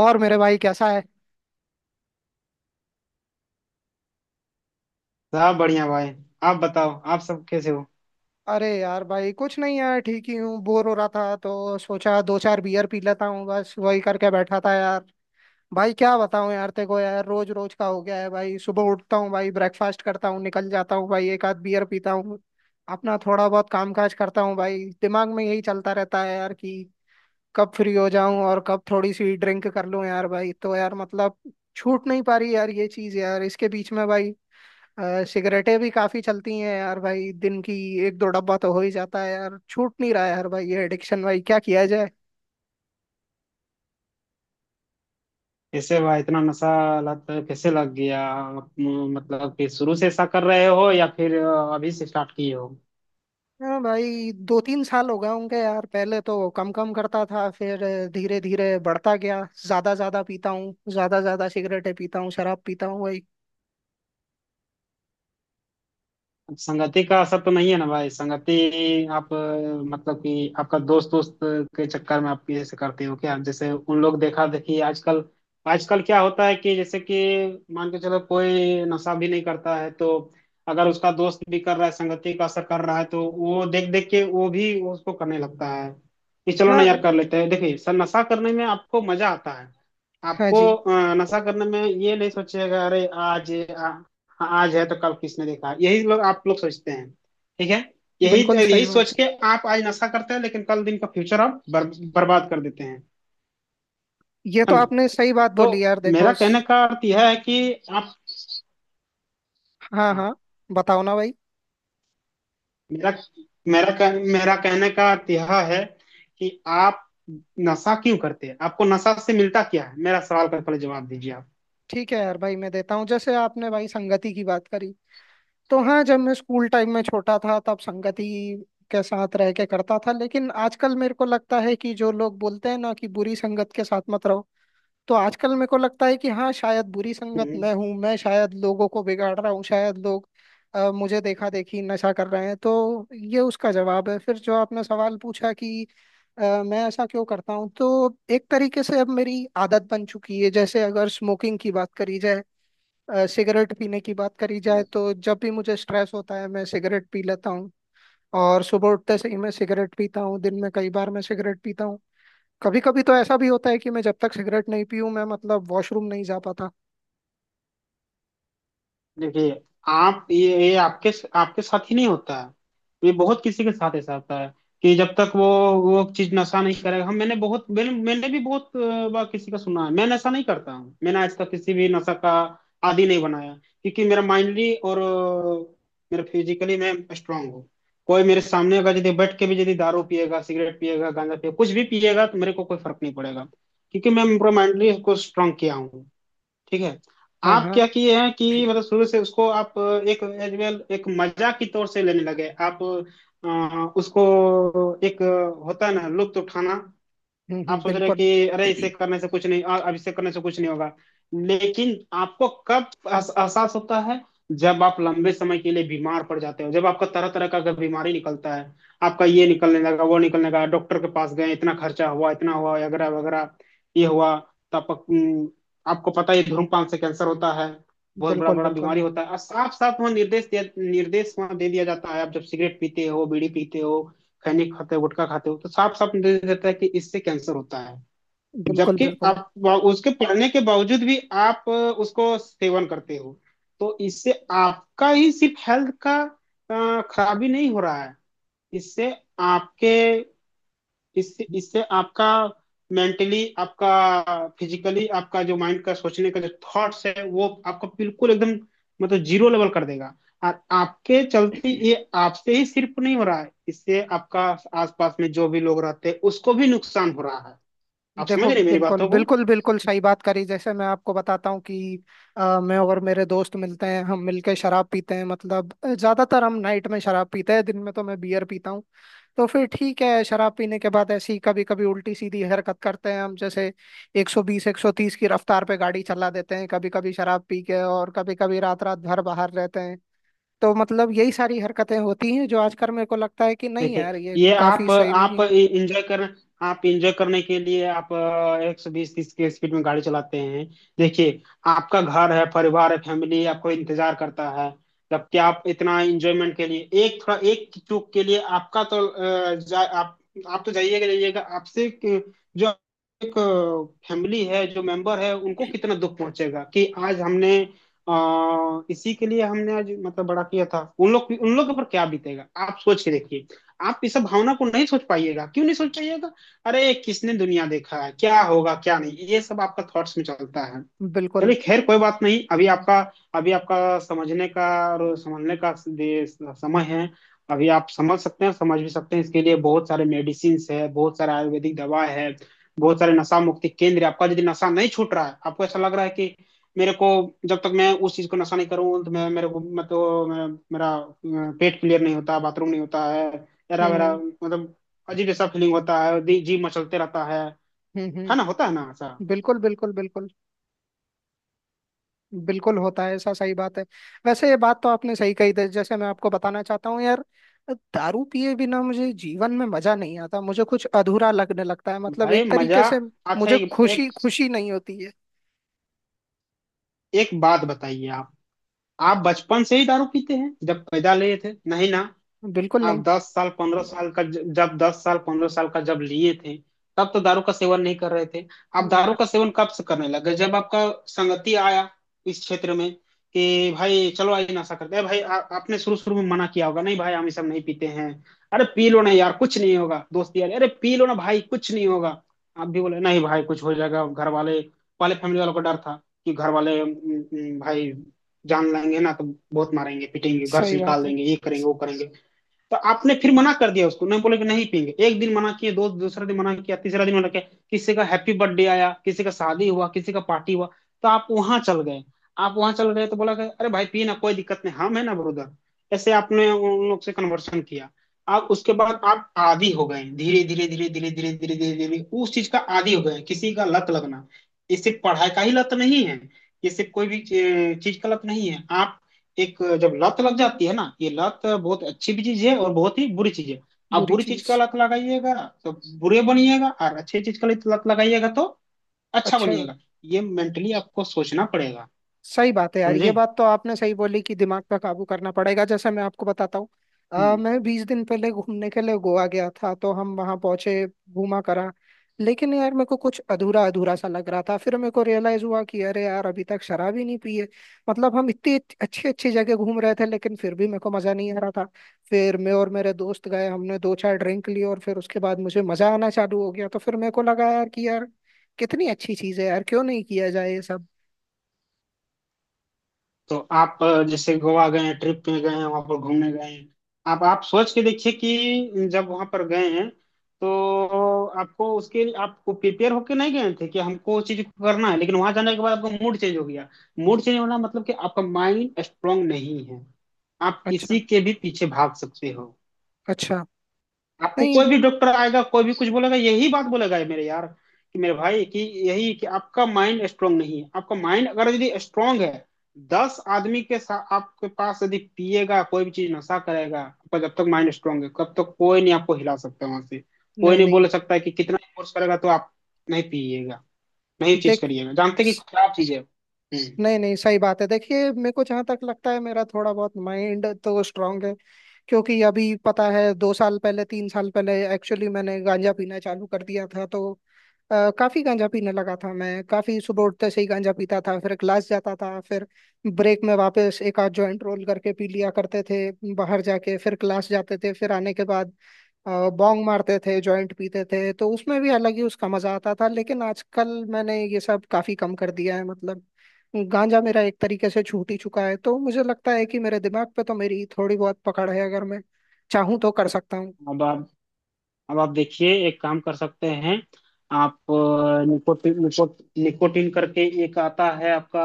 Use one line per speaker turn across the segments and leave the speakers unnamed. और मेरे भाई कैसा है?
सब बढ़िया भाई। आप बताओ आप सब कैसे हो।
अरे यार भाई कुछ नहीं यार, ठीक ही हूँ। बोर हो रहा था तो सोचा दो चार बियर पी लेता हूँ, बस वही करके बैठा था यार। भाई क्या बताऊँ यार तेरे को, यार रोज रोज का हो गया है भाई। सुबह उठता हूँ भाई, ब्रेकफास्ट करता हूँ, निकल जाता हूँ भाई, एक आध बियर पीता हूँ। अपना थोड़ा बहुत काम काज करता हूँ भाई, दिमाग में यही चलता रहता है यार कि कब फ्री हो जाऊं और कब थोड़ी सी ड्रिंक कर लूं यार भाई। तो यार मतलब छूट नहीं पा रही यार ये चीज यार, इसके बीच में भाई सिगरेटें भी काफी चलती हैं यार भाई। दिन की एक दो डब्बा तो हो ही जाता है यार, छूट नहीं रहा है यार भाई ये एडिक्शन, भाई क्या किया जाए।
कैसे भाई इतना नशा। लत कैसे लग गया आप, मतलब कि शुरू से ऐसा कर रहे हो या फिर अभी से स्टार्ट किए हो।
हाँ भाई, दो तीन साल हो गए होंगे यार। पहले तो कम कम करता था, फिर धीरे धीरे बढ़ता गया। ज्यादा ज्यादा पीता हूँ, ज्यादा ज्यादा सिगरेटें पीता हूँ, शराब पीता हूँ भाई।
अब संगति का असर तो नहीं है ना भाई। संगति आप मतलब कि आपका दोस्त दोस्त के चक्कर में आप ये ऐसे करते हो क्या जैसे उन लोग देखा देखी। आजकल आजकल क्या होता है कि जैसे कि मान के चलो कोई नशा भी नहीं करता है तो अगर उसका दोस्त भी कर रहा है संगति का असर कर रहा है तो वो देख देख के वो भी उसको करने लगता है कि चलो ना यार
हाँ।
कर लेते हैं। देखिए सर नशा करने में आपको मजा आता है।
हाँ
आपको
जी।
नशा करने में ये नहीं सोचिएगा अरे आज। हाँ। आज है तो कल किसने देखा। यही लोग आप लोग सोचते हैं। ठीक है। यही
बिल्कुल
यही
सही बात
सोच
है।
के आप आज नशा करते हैं लेकिन कल दिन का फ्यूचर आप बर्बाद कर देते हैं।
ये तो
है ना।
आपने सही बात
तो
बोली यार।
मेरा
देखो
कहने
स-
का अर्थ यह है कि आप।
हाँ
हाँ।
हाँ। बताओ ना भाई।
मेरा मेरा कह, मेरा कहने का अर्थ यह है कि आप नशा क्यों करते हैं। आपको नशा से मिलता क्या है। मेरा सवाल का पहले जवाब दीजिए आप।
ठीक है यार भाई, मैं देता हूँ। जैसे आपने भाई संगति की बात करी, तो हाँ, जब मैं स्कूल टाइम में छोटा था तब संगति के साथ रह के करता था। लेकिन आजकल मेरे को लगता है कि जो लोग बोलते हैं ना कि बुरी संगत के साथ मत रहो, तो आजकल मेरे को लगता है कि हाँ, शायद बुरी संगत मैं हूँ, मैं शायद लोगों को बिगाड़ रहा हूँ, शायद लोग मुझे देखा देखी नशा कर रहे हैं। तो ये उसका जवाब है। फिर जो आपने सवाल पूछा कि मैं ऐसा क्यों करता हूँ, तो एक तरीके से अब मेरी आदत बन चुकी है। जैसे अगर स्मोकिंग की बात करी जाए, सिगरेट पीने की बात करी जाए,
हम्म।
तो जब भी मुझे स्ट्रेस होता है मैं सिगरेट पी लेता हूँ। और सुबह उठते से ही मैं सिगरेट पीता हूँ, दिन में कई बार मैं सिगरेट पीता हूँ। कभी कभी तो ऐसा भी होता है कि मैं जब तक सिगरेट नहीं पीऊँ मैं मतलब वॉशरूम नहीं जा पाता।
देखिए आप ये आपके आपके साथ ही नहीं होता है। ये बहुत किसी के साथ ऐसा होता है कि जब तक वो चीज नशा नहीं करेगा। हम मैंने बहुत मैंने, मैंने भी बहुत बार किसी का सुना है। मैं नशा नहीं करता हूँ। मैंने आज तक किसी भी नशा का आदी नहीं बनाया। क्योंकि मेरा माइंडली और मेरा फिजिकली मैं स्ट्रांग हूँ। कोई मेरे सामने अगर यदि बैठ के भी यदि दारू पिएगा सिगरेट पिएगा गांजा पिएगा कुछ भी पिएगा तो मेरे को कोई फर्क नहीं पड़ेगा। क्योंकि मैं पूरा माइंडली इसको स्ट्रांग किया हूँ। ठीक है।
हाँ
आप
हाँ।
क्या किए हैं कि मतलब शुरू से उसको आप एक एज वेल एक मजाक की तौर से लेने लगे आप उसको एक होता है ना लुत्फ उठाना। आप
हम्म।
सोच रहे हैं
बिल्कुल
कि अरे इसे करने से कुछ नहीं अब इसे करने से कुछ नहीं होगा। लेकिन आपको कब एहसास होता है जब आप लंबे समय के लिए बीमार पड़ जाते हो जब आपका तरह तरह का अगर बीमारी निकलता है। आपका ये निकलने लगा वो निकलने लगा डॉक्टर के पास गए इतना खर्चा हुआ इतना हुआ वगैरह वगैरह ये हुआ। तो आपको आपको पता है धूम्रपान से कैंसर होता है। बहुत बड़ा
बिल्कुल
बड़ा
बिल्कुल
बीमारी होता है। साफ साफ वहाँ निर्देश दिया निर्देश वहाँ दे दिया जाता है। आप जब सिगरेट पीते हो बीड़ी पीते हो खैनी खाते हो गुटखा खाते हो तो साफ साफ निर्देश देता है कि इससे कैंसर होता है।
बिल्कुल
जबकि
बिल्कुल।
आप उसके पढ़ने के बावजूद भी आप उसको सेवन करते हो। तो इससे आपका ही सिर्फ हेल्थ का खराबी नहीं हो रहा है। इससे आपके इससे इससे आपका मेंटली आपका फिजिकली आपका जो माइंड का सोचने का जो थॉट्स है वो आपको बिल्कुल एकदम मतलब जीरो लेवल कर देगा। और आपके चलते ये आपसे ही सिर्फ नहीं हो रहा है। इससे आपका आसपास में जो भी लोग रहते हैं उसको भी नुकसान हो रहा है। आप समझ
देखो,
रहे हैं मेरी
बिल्कुल
बातों को।
बिल्कुल बिल्कुल सही बात करी। जैसे मैं आपको बताता हूँ कि मैं और मेरे दोस्त मिलते हैं, हम मिलके शराब पीते हैं। मतलब ज्यादातर हम नाइट में शराब पीते हैं, दिन में तो मैं बियर पीता हूँ। तो फिर ठीक है, शराब पीने के बाद ऐसी कभी कभी उल्टी सीधी हरकत करते हैं हम, जैसे 120 130 की रफ्तार पे गाड़ी चला देते हैं कभी कभी शराब पी के, और कभी कभी रात रात भर बाहर रहते हैं। तो मतलब यही सारी हरकतें होती हैं जो आजकल मेरे को लगता है कि नहीं
देखिए
यार, ये
ये
काफी सही नहीं
आप
है।
इंजॉय कर आप इंजॉय करने के लिए आप 120-130 की स्पीड में गाड़ी चलाते हैं। देखिए आपका घर है परिवार है फैमिली आपको इंतजार करता है। जबकि आप इतना एंजॉयमेंट के लिए एक थोड़ा एक चूक के लिए आपका तो आप तो जाइएगा जाइएगा आपसे जो एक फैमिली है जो मेंबर है उनको कितना दुख पहुंचेगा कि आज हमने इसी के लिए हमने आज मतलब बड़ा किया था। उन लोग के ऊपर क्या बीतेगा आप सोच के देखिए। आप इस भावना को नहीं सोच पाइएगा। क्यों नहीं सोच पाइएगा। अरे किसने दुनिया देखा है क्या होगा क्या नहीं ये सब आपका थॉट्स में चलता है।
बिल्कुल।
चलिए खैर कोई बात नहीं। अभी आपका समझने का और समझने का समय है। अभी आप समझ सकते हैं समझ भी सकते हैं। इसके लिए बहुत सारे मेडिसिन है बहुत सारे आयुर्वेदिक दवा है बहुत सारे नशा मुक्ति केंद्र है। आपका यदि नशा नहीं छूट रहा है आपको ऐसा लग रहा है कि मेरे को जब तक मैं उस चीज को नशा नहीं करूँ तो मैं मेरे को मतलब मेरा पेट क्लियर नहीं होता बाथरूम नहीं होता है। मेरा मेरा
हम्म
मतलब अजीब जैसा फीलिंग होता है। जी जी मचलते रहता है। है ना।
हम्म।
होता है ना ऐसा।
बिल्कुल बिल्कुल बिल्कुल। बिल्कुल होता है ऐसा, सही बात है। वैसे ये बात तो आपने सही कही थी। जैसे मैं आपको बताना चाहता हूँ यार, दारू पिए बिना मुझे जीवन में मजा नहीं आता, मुझे कुछ अधूरा लगने लगता है, मतलब
भाई
एक तरीके
मजा
से
अच्छा
मुझे
एक एक
खुशी खुशी नहीं होती है।
एक बात बताइए आप। आप बचपन से ही दारू पीते हैं। जब पैदा लिए थे नहीं ना।
बिल्कुल नहीं।
आप 10 साल 15 साल का जब 10 साल 15 साल का जब लिए थे तब तो दारू का सेवन नहीं कर रहे थे। आप
नहीं
दारू
कर
का सेवन कब से करने लगे जब आपका संगति आया इस क्षेत्र में कि भाई चलो आज नशा करते हैं। भाई आपने शुरू शुरू में मना किया होगा। नहीं भाई हम ये सब नहीं पीते हैं। अरे पी लो ना यार कुछ नहीं होगा दोस्त यार। अरे पी लो ना भाई कुछ नहीं होगा। आप भी बोले नहीं भाई कुछ हो जाएगा घर वाले। पहले फैमिली वालों को डर था कि घर वाले भाई जान लेंगे ना तो बहुत मारेंगे पीटेंगे घर
सही
से निकाल
बात है।
देंगे ये करेंगे वो करेंगे। तो आपने फिर मना कर दिया उसको। नहीं बोले कि नहीं पियेंगे। एक दिन मना किए दो दूसरा दिन मना किया तीसरा दिन मना किया। किसी का हैप्पी बर्थडे आया किसी का शादी हुआ किसी का पार्टी हुआ तो आप वहां चल गए। आप वहां चल गए तो बोला कि अरे भाई पिए ना कोई दिक्कत नहीं हम है ना ब्रदर। ऐसे आपने उन लोग से कन्वर्सन किया। आप उसके बाद आप आदी हो गए धीरे धीरे धीरे धीरे धीरे धीरे धीरे धीरे उस चीज का आदी हो गए। किसी का लत लगना ये सिर्फ पढ़ाई का ही लत नहीं है। ये सिर्फ कोई भी चीज का लत नहीं है। आप एक जब लत लग जाती है ना ये लत बहुत अच्छी भी चीज है और बहुत ही बुरी चीज है। आप
बुरी
बुरी चीज
चीज।
का लत लगाइएगा तो बुरे बनिएगा और अच्छी चीज का लत लगाइएगा तो अच्छा
अच्छा।
बनिएगा। ये मेंटली आपको सोचना पड़ेगा।
सही बात है यार,
समझे।
ये बात तो आपने सही बोली कि दिमाग पे काबू करना पड़ेगा। जैसे मैं आपको बताता हूँ, मैं 20 दिन पहले घूमने के लिए गोवा गया था। तो हम वहाँ पहुंचे, घूमा करा, लेकिन यार मेरे को कुछ अधूरा अधूरा सा लग रहा था। फिर मेरे को रियलाइज हुआ कि अरे यार, अभी तक शराब ही नहीं पी है। मतलब हम इतनी अच्छी अच्छी जगह घूम रहे थे लेकिन फिर भी मेरे को मजा नहीं आ रहा था। फिर मैं और मेरे दोस्त गए, हमने दो चार ड्रिंक ली और फिर उसके बाद मुझे मजा आना चालू हो गया। तो फिर मेरे को लगा यार कि यार कितनी अच्छी चीज है यार, क्यों नहीं किया जाए ये सब।
तो आप जैसे गोवा गए हैं ट्रिप पे गए हैं वहां पर घूमने गए हैं। आप सोच के देखिए कि जब वहां पर गए हैं तो आपको उसके लिए आपको प्रिपेयर होके नहीं गए थे कि हमको उस चीज को करना है। लेकिन वहां जाने के बाद आपका मूड चेंज हो गया। मूड चेंज होना मतलब कि आपका माइंड स्ट्रांग नहीं है। आप
अच्छा।
किसी के भी पीछे भाग सकते हो।
अच्छा।
आपको
नहीं
कोई भी डॉक्टर आएगा कोई भी कुछ बोलेगा यही बात बोलेगा। ये मेरे यार कि मेरे भाई कि यही कि आपका माइंड स्ट्रांग नहीं है। आपका माइंड अगर यदि स्ट्रांग है 10 आदमी के साथ आपके पास यदि पिएगा कोई भी चीज नशा करेगा आपका जब तक माइंड स्ट्रांग है तब तक कोई नहीं आपको हिला सकता वहां से। कोई
नहीं
नहीं
नहीं।
बोल सकता है कि कितना फोर्स करेगा तो आप नहीं पिएगा नहीं चीज
देख
करिएगा। जानते हैं कि खराब चीज है। हम्म।
नहीं नहीं, सही बात है। देखिए, मेरे को जहाँ तक लगता है मेरा थोड़ा बहुत माइंड तो स्ट्रांग है, क्योंकि अभी पता है 2 साल पहले, 3 साल पहले एक्चुअली मैंने गांजा पीना चालू कर दिया था। तो काफी गांजा पीने लगा था मैं। काफी सुबह उठते से ही गांजा पीता था, फिर क्लास जाता था, फिर ब्रेक में वापस एक आध जॉइंट रोल करके पी लिया करते थे, बाहर जाके फिर क्लास जाते थे। फिर आने के बाद बॉन्ग मारते थे, जॉइंट पीते थे, तो उसमें भी अलग ही उसका मजा आता था। लेकिन आजकल मैंने ये सब काफी कम कर दिया है, मतलब गांजा मेरा एक तरीके से छूट ही चुका है। तो मुझे लगता है कि मेरे दिमाग पे तो मेरी थोड़ी बहुत पकड़ है, अगर मैं चाहूँ तो कर सकता हूँ।
अब आप अब आप देखिए एक काम कर सकते हैं। आप निकोटिन करके एक आता है आपका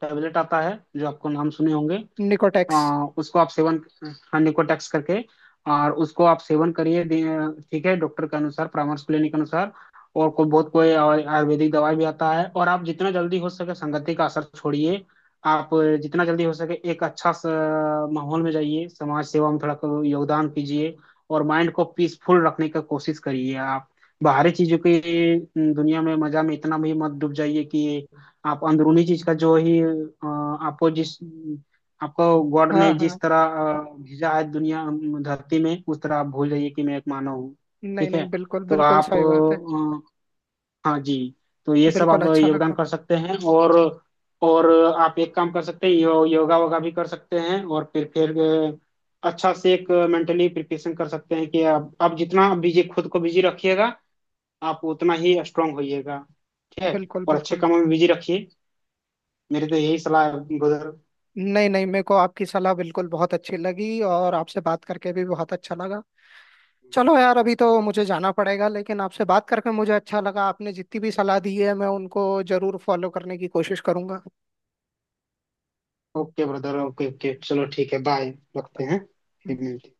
टैबलेट आता है जो आपको नाम सुने होंगे।
निकोटेक्स।
उसको आप सेवन हाँ निकोटेक्स करके और उसको आप सेवन करिए ठीक है डॉक्टर के अनुसार परामर्श लेने के अनुसार। और कोई बहुत कोई आयुर्वेदिक दवाई भी आता है। और आप जितना जल्दी हो सके संगति का असर छोड़िए। आप जितना जल्दी हो सके एक अच्छा सा माहौल में जाइए। समाज सेवा में थोड़ा को योगदान कीजिए और माइंड को पीसफुल रखने का कोशिश करिए। आप बाहरी चीजों की दुनिया में मजा में इतना भी मत डूब जाइए कि आप अंदरूनी चीज का जो ही आपको जिस आपको गॉड
हाँ
ने
हाँ।
जिस तरह भेजा है दुनिया धरती में उस तरह आप भूल जाइए कि मैं एक मानव हूँ।
नहीं
ठीक
नहीं,
है।
बिल्कुल
तो
बिल्कुल
आप
सही बात है।
हाँ जी। तो ये सब
बिल्कुल
आप
अच्छा
योगदान
लगा।
कर सकते हैं। और और आप एक काम कर सकते हैं योगा वोगा भी कर सकते हैं और फिर अच्छा से एक मेंटली प्रिपरेशन कर सकते हैं कि आप जितना बिजी खुद को बिजी रखिएगा आप उतना ही स्ट्रांग होइएगा। ठीक है।
बिल्कुल
और अच्छे
बिल्कुल।
कामों में बिजी रखिए। मेरी तो यही सलाह है ब्रदर।
नहीं नहीं, मेरे को आपकी सलाह बिल्कुल बहुत अच्छी लगी, और आपसे बात करके भी बहुत अच्छा लगा। चलो यार, अभी तो मुझे जाना पड़ेगा, लेकिन आपसे बात करके मुझे अच्छा लगा। आपने जितनी भी सलाह दी है मैं उनको जरूर फॉलो करने की कोशिश करूंगा।
ओके ब्रदर ओके ओके चलो ठीक है बाय। रखते हैं। फिर मिलते हैं।